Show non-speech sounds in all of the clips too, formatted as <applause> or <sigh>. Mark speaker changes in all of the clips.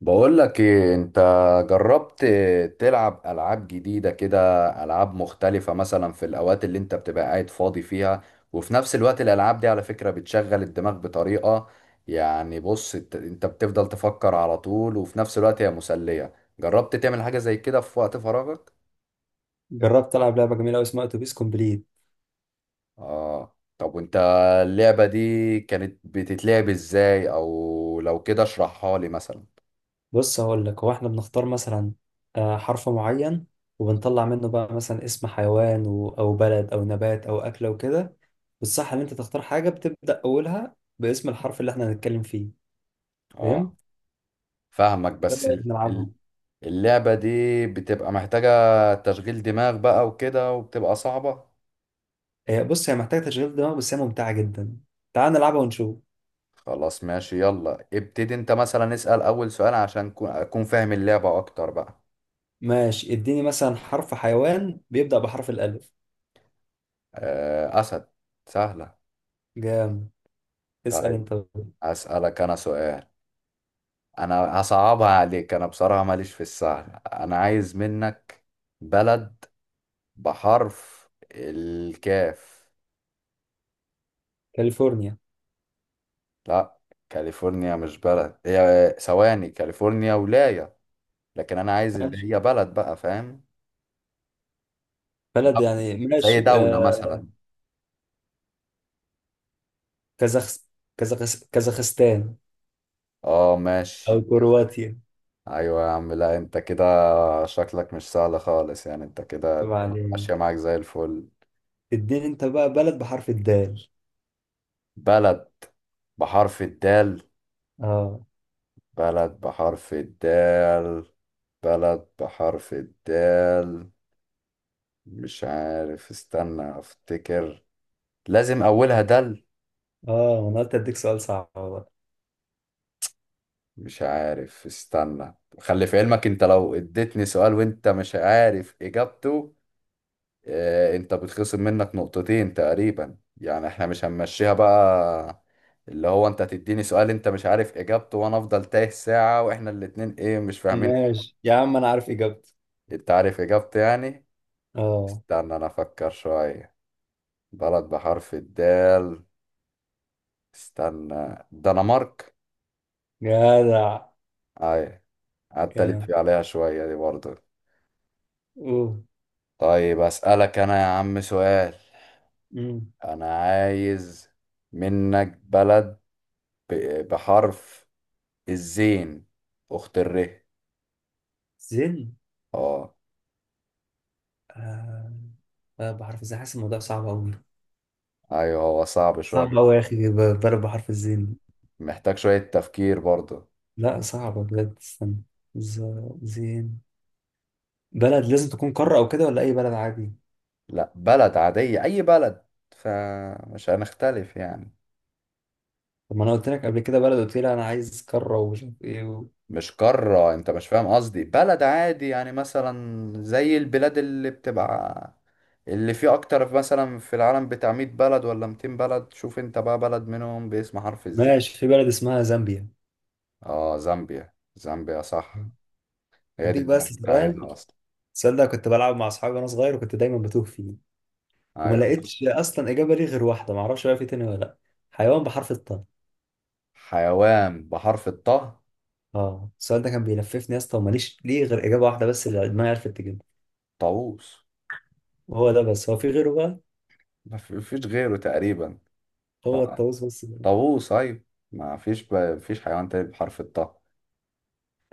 Speaker 1: بقول لك ايه؟ انت جربت تلعب العاب جديدة كده، العاب مختلفة مثلا في الاوقات اللي انت بتبقى قاعد فاضي فيها، وفي نفس الوقت الالعاب دي على فكرة بتشغل الدماغ بطريقة، يعني بص أنت بتفضل تفكر على طول، وفي نفس الوقت هي مسلية. جربت تعمل حاجة زي كده في وقت فراغك؟
Speaker 2: جربت ألعب لعبة جميلة أوي اسمها أتوبيس كومبليت.
Speaker 1: اه طب وانت اللعبة دي كانت بتتلعب ازاي؟ او لو كده اشرحها لي مثلا.
Speaker 2: بص هقول لك هو إحنا بنختار مثلا حرف معين. وبنطلع منه بقى مثلا اسم حيوان أو بلد أو نبات أو أكلة وكده. والصح إن أنت تختار حاجة بتبدأ أولها باسم الحرف اللي إحنا هنتكلم فيه.
Speaker 1: اه
Speaker 2: فهمت؟
Speaker 1: فاهمك،
Speaker 2: إيه
Speaker 1: بس
Speaker 2: رأيك نلعبها؟
Speaker 1: اللعبة دي بتبقى محتاجة تشغيل دماغ بقى وكده، وبتبقى صعبة.
Speaker 2: آه، بص هي محتاجة تشغيل دماغ بس هي ممتعة جدا. تعال نلعبها ونشوف.
Speaker 1: خلاص ماشي، يلا ابتدي انت مثلا، اسأل أول سؤال عشان أكون فاهم اللعبة أكتر بقى.
Speaker 2: ماشي، اديني مثلا حرف حيوان بيبدأ بحرف الألف.
Speaker 1: أسد. سهلة.
Speaker 2: جام. اسأل
Speaker 1: طيب
Speaker 2: أنت.
Speaker 1: أسألك أنا سؤال، أنا هصعبها عليك، أنا بصراحة ماليش في السهل. أنا عايز منك بلد بحرف الكاف.
Speaker 2: كاليفورنيا.
Speaker 1: لا، كاليفورنيا مش بلد، هي ثواني، كاليفورنيا ولاية. لكن أنا عايز اللي
Speaker 2: ماشي،
Speaker 1: هي بلد بقى، فاهم؟
Speaker 2: بلد يعني،
Speaker 1: زي
Speaker 2: ماشي،
Speaker 1: دولة مثلا.
Speaker 2: كازاخ كازاخستان.
Speaker 1: اه
Speaker 2: أو
Speaker 1: ماشي.
Speaker 2: كرواتيا.
Speaker 1: ايوه يا عم، لا انت كده شكلك مش سهل خالص، يعني انت كده الدنيا
Speaker 2: وبعدين،
Speaker 1: ماشية معاك زي الفل.
Speaker 2: اديني أنت بقى بلد بحرف الدال.
Speaker 1: بلد بحرف الدال؟
Speaker 2: اه.
Speaker 1: بلد بحرف الدال. بلد بحرف الدال، مش عارف، استنى افتكر، لازم اولها دال.
Speaker 2: اه، أنا قلت أديك سؤال صعب بقى.
Speaker 1: مش عارف، استنى. خلي في علمك انت، لو اديتني سؤال وانت مش عارف اجابته، انت بتخصم منك نقطتين تقريبا، يعني احنا مش هنمشيها بقى، اللي هو انت تديني سؤال انت مش عارف اجابته وانا افضل تايه ساعة واحنا الاتنين ايه، مش فاهمين.
Speaker 2: ماشي يا عم أنا عارف إجابته.
Speaker 1: انت عارف اجابته يعني؟
Speaker 2: اه.
Speaker 1: استنى انا افكر شوية. بلد بحرف الدال. استنى، دنمارك.
Speaker 2: جدع.
Speaker 1: اي، قعدت
Speaker 2: جدع.
Speaker 1: الف عليها شوية دي برضه.
Speaker 2: أوه.
Speaker 1: طيب اسألك انا يا عم سؤال.
Speaker 2: مم.
Speaker 1: انا عايز منك بلد بحرف الزين، أخت الره.
Speaker 2: زين.
Speaker 1: اه.
Speaker 2: آه. بلد بحرف الزين، حاسس الموضوع صعب أوي.
Speaker 1: أيوه هو صعب شوية.
Speaker 2: صعب أوي يا أخي، بلد بحرف الزين.
Speaker 1: محتاج شوية تفكير برضه.
Speaker 2: لا صعبة بجد، استنى. ز... زين. بلد لازم تكون قارة أو كده ولا أي بلد عادي؟
Speaker 1: لا بلد عادية، أي بلد، فمش هنختلف يعني.
Speaker 2: طب ما انا قلت لك قبل كده بلد، قلت لي انا عايز قاره ومش عارف ايه.
Speaker 1: مش قارة، أنت مش فاهم قصدي، بلد عادي يعني، مثلا زي البلاد اللي بتبقى اللي فيه أكتر مثلا في العالم، بتاع 100 بلد ولا 200 بلد، شوف أنت بقى بلد منهم باسم حرف الزين.
Speaker 2: ماشي، في بلد اسمها زامبيا.
Speaker 1: اه زامبيا، زامبيا صح، هي دي
Speaker 2: هديك
Speaker 1: اللي أنا
Speaker 2: بس
Speaker 1: كنت
Speaker 2: سؤال.
Speaker 1: عايزها أصلا.
Speaker 2: السؤال ده كنت بلعب مع اصحابي وانا صغير وكنت دايما بتوه فيه. وما
Speaker 1: أيوه.
Speaker 2: لقيتش اصلا اجابه ليه غير واحده، ما اعرفش بقى في تاني ولا لا. حيوان بحرف الطاء.
Speaker 1: حيوان بحرف الطه،
Speaker 2: اه، السؤال ده كان بيلففني يا اسطى وماليش ليه غير اجابه واحده بس اللي دماغي عرفت تجيبها.
Speaker 1: طاووس.
Speaker 2: وهو ده بس، هو في غيره بقى؟
Speaker 1: ما في- فيش غيره تقريبا.
Speaker 2: هو
Speaker 1: طبعا،
Speaker 2: الطاووس بس.
Speaker 1: طاووس ايوه، ما فيش فيش حيوان تاني بحرف الطاء.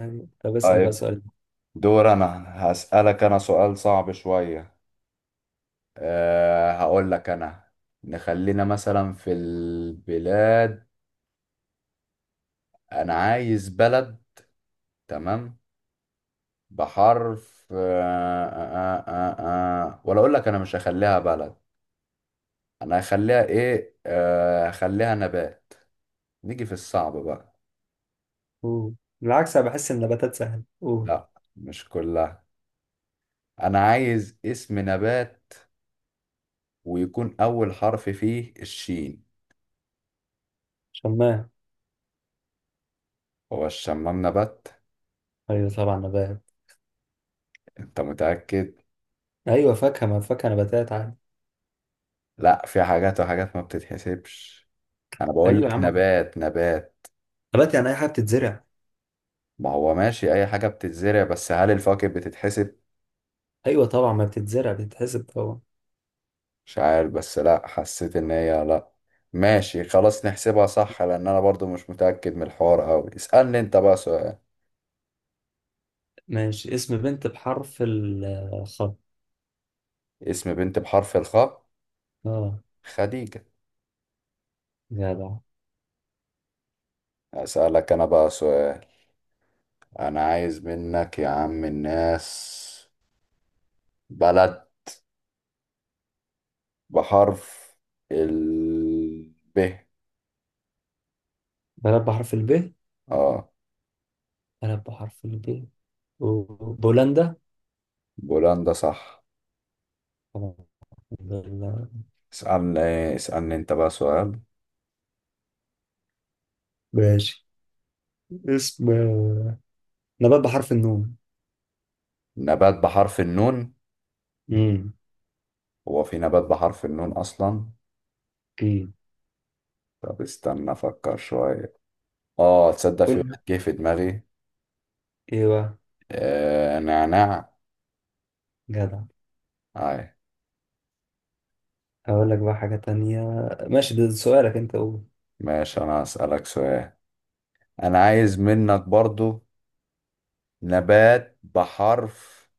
Speaker 2: ايوه، طب اسال بقى
Speaker 1: طيب
Speaker 2: سؤال.
Speaker 1: دور انا، هسألك انا سؤال صعب شوية، أه هقول لك انا، نخلينا مثلا في البلاد، انا عايز بلد، تمام، بحرف أه أه أه أه. آه. ولا اقول لك انا مش هخليها بلد، انا هخليها ايه، أه هخليها نبات، نيجي في الصعب بقى.
Speaker 2: أوه. بالعكس انا بحس ان النباتات سهله، قول.
Speaker 1: لا مش كلها، انا عايز اسم نبات ويكون اول حرف فيه الشين.
Speaker 2: شمام.
Speaker 1: هو الشمام نبات؟
Speaker 2: ايوه طبعا نبات.
Speaker 1: انت متأكد؟
Speaker 2: ايوه، فاكهه، ما فاكهه نباتات عادي.
Speaker 1: لا في حاجات وحاجات ما بتتحسبش، انا بقول
Speaker 2: ايوه يا
Speaker 1: لك
Speaker 2: عم.
Speaker 1: نبات نبات.
Speaker 2: نبات يعني اي حاجه بتتزرع.
Speaker 1: ما هو ماشي اي حاجة بتتزرع، بس هل الفواكه بتتحسب؟
Speaker 2: ايوه طبعا، ما بتتزرع بتتحسب طبعا.
Speaker 1: مش عارف، بس لا حسيت ان هي لا. ماشي خلاص نحسبها صح، لان انا برضو مش متأكد من الحوار قوي. اسألني انت بقى سؤال.
Speaker 2: ماشي، اسم بنت بحرف الخاء.
Speaker 1: اسم بنت بحرف الخاء،
Speaker 2: اه.
Speaker 1: خديجة.
Speaker 2: جدع.
Speaker 1: اسألك انا بقى سؤال، انا عايز منك يا عم الناس بلد بحرف ال ب.
Speaker 2: بلد بحرف الب؟
Speaker 1: اه
Speaker 2: بلد بحرف الب، بولندا.
Speaker 1: بولندا، صح.
Speaker 2: طبعا. بل-
Speaker 1: اسألني اسألني انت بقى سؤال.
Speaker 2: <laughs> ماشي. اسم نبات بحرف النون.
Speaker 1: نبات بحرف النون،
Speaker 2: امم
Speaker 1: هو في نبات بحرف النون اصلا؟
Speaker 2: اوكي.
Speaker 1: طب استنى افكر شوية. اه تصدق في واحد
Speaker 2: قول.
Speaker 1: جه في دماغي،
Speaker 2: ايوه.
Speaker 1: آه نعناع.
Speaker 2: جدع.
Speaker 1: اي.
Speaker 2: هقول لك بقى حاجه تانية. ماشي ده سؤالك انت، قول.
Speaker 1: ماشي انا اسألك سؤال، انا عايز منك برضو نبات بحرف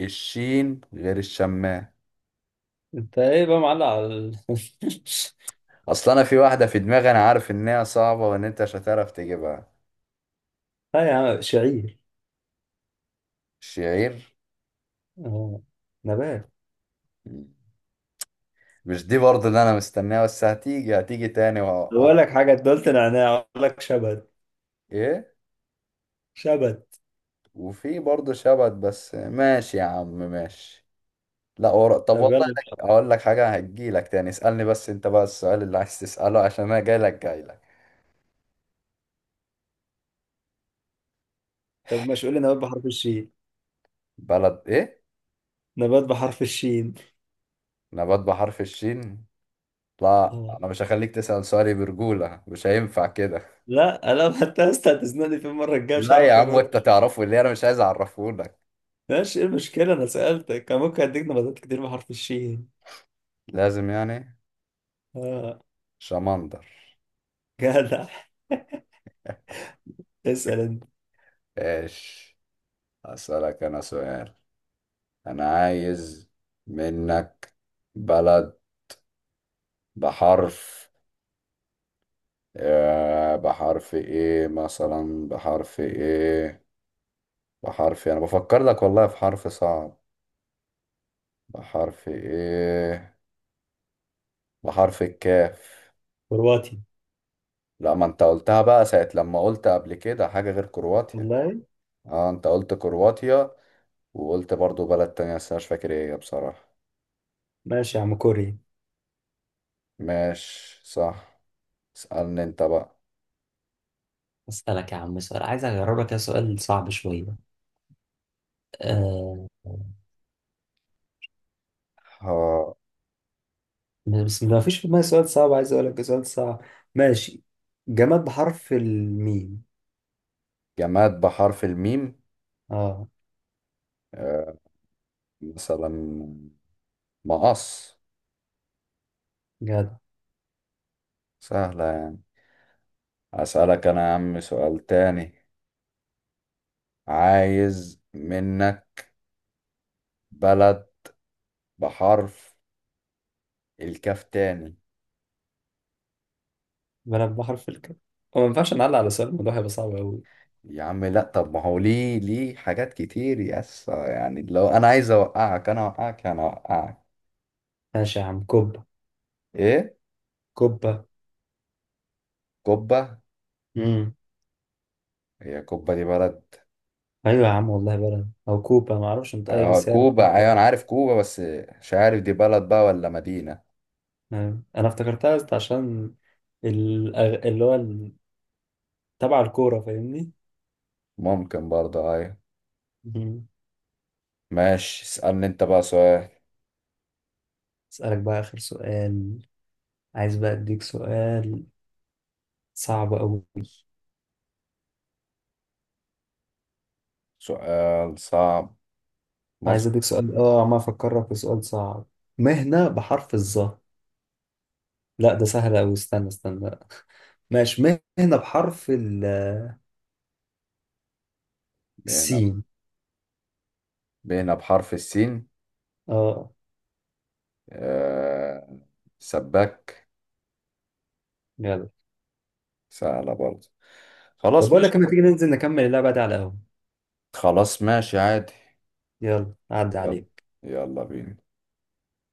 Speaker 1: الشين غير الشمام.
Speaker 2: انت ايه بقى معلق.
Speaker 1: اصل انا في واحده في دماغي، انا عارف ان هي صعبه وان انت مش هتعرف تجيبها.
Speaker 2: <laughs> اه يا عم، شعير.
Speaker 1: الشعير؟
Speaker 2: اه. نبات.
Speaker 1: مش دي برضه اللي انا مستناها، بس هتيجي تاني وهوقع.
Speaker 2: بقول لك حاجة، أنت قلت نعناع، أقول لك شبت.
Speaker 1: ايه؟
Speaker 2: شبت.
Speaker 1: وفي برضه شبت، بس ماشي يا عم ماشي. لا ورق، طب
Speaker 2: طب
Speaker 1: والله
Speaker 2: يلا
Speaker 1: أنا
Speaker 2: بحرف.
Speaker 1: اقول لك حاجه، هتجيلك تاني. اسالني بس انت بقى السؤال اللي عايز تساله، عشان انا جايلك.
Speaker 2: طب مش قول لي نبات بحرف الشين؟
Speaker 1: بلد ايه؟
Speaker 2: نبات بحرف الشين.
Speaker 1: نبات بحرف الشين. لا
Speaker 2: آه.
Speaker 1: انا مش هخليك تسال سؤالي برجوله، مش هينفع كده.
Speaker 2: لا أنا حتى يا أسطى هتزنقني في المرة الجاية مش
Speaker 1: لا يا
Speaker 2: هعرف
Speaker 1: عم،
Speaker 2: أرد.
Speaker 1: وانت تعرفه اللي انا مش عايز اعرفه لك.
Speaker 2: ماشي، إيه المشكلة، أنا سألتك كان ممكن أديك نباتات كتير بحرف الشين.
Speaker 1: لازم يعني.
Speaker 2: آه.
Speaker 1: شمندر.
Speaker 2: جدع. <laughs> اسأل أنت.
Speaker 1: ايش؟ اسألك انا سؤال، انا عايز منك بلد بحرف، آه بحرف ايه مثلا، بحرف ايه، بحرف انا بفكر لك والله في حرف صعب، بحرف ايه، بحرف الكاف.
Speaker 2: كرواتي.
Speaker 1: لا، ما انت قلتها بقى ساعة لما قلت قبل كده حاجة غير كرواتيا.
Speaker 2: والله.
Speaker 1: اه انت قلت كرواتيا، وقلت برضو بلد تانية بس أنا مش فاكر ايه هي بصراحة.
Speaker 2: ماشي يا عم، كوري.
Speaker 1: ماشي صح. اسألني انت بقى.
Speaker 2: اسالك يا عم سؤال، عايز اجرب لك سؤال صعب شويه. آه.
Speaker 1: ها.
Speaker 2: بس ما فيش في دماغي سؤال صعب، عايز اقول لك سؤال صعب. ماشي. جماد بحرف الميم.
Speaker 1: جماد بحرف الميم،
Speaker 2: اه.
Speaker 1: آه، مثلا مقص.
Speaker 2: جدع.
Speaker 1: سهلة يعني. أسألك أنا يا عم سؤال تاني، عايز منك بلد بحرف الكاف تاني.
Speaker 2: بلد بحرف الك. هو ما ينفعش نعلق على سؤال، الموضوع هيبقى صعب قوي.
Speaker 1: يا عم لا، طب ما هو ليه؟ ليه حاجات كتير يس، يعني لو أنا عايز أوقعك أنا أوقعك أنا أوقعك.
Speaker 2: ماشي يا عم، كوبا.
Speaker 1: إيه؟
Speaker 2: كوبا.
Speaker 1: كوبا.
Speaker 2: امم
Speaker 1: هي كوبا دي بلد؟
Speaker 2: ايوه يا عم والله بلد او كوبا، ما اعرفش انت اي،
Speaker 1: آه
Speaker 2: بس هي
Speaker 1: كوبا، أيوة
Speaker 2: كوبا.
Speaker 1: أنا عارف كوبا، بس مش عارف دي بلد بقى ولا مدينة.
Speaker 2: أيوة. انا افتكرتها بس عشان الأغ... اللي هو ال- تبع الكورة فاهمني.
Speaker 1: ممكن برضه، أيوة.
Speaker 2: مم.
Speaker 1: ماشي، اسألني انت بقى سؤال.
Speaker 2: اسألك بقى آخر سؤال. عايز بقى أديك سؤال صعب أوي.
Speaker 1: سؤال صعب،
Speaker 2: عايز
Speaker 1: مظبوط.
Speaker 2: اديك سؤال، عمال افكرك في سؤال صعب. مهنة بحرف الظا. لا ده سهل اوي، استنى استنى. ماشي، مهنة بحرف.
Speaker 1: بينا.
Speaker 2: السين.
Speaker 1: بينا بحرف السين،
Speaker 2: اه.
Speaker 1: آه... سباك.
Speaker 2: يلا.
Speaker 1: سهلة برضه.
Speaker 2: طب
Speaker 1: خلاص
Speaker 2: بقول
Speaker 1: ماشي.
Speaker 2: لك لما تيجي ننزل نكمل اللعبة دي على القهوة.
Speaker 1: خلاص ماشي عادي.
Speaker 2: يلا، عدي
Speaker 1: يلا.
Speaker 2: عليك.
Speaker 1: يلا بينا.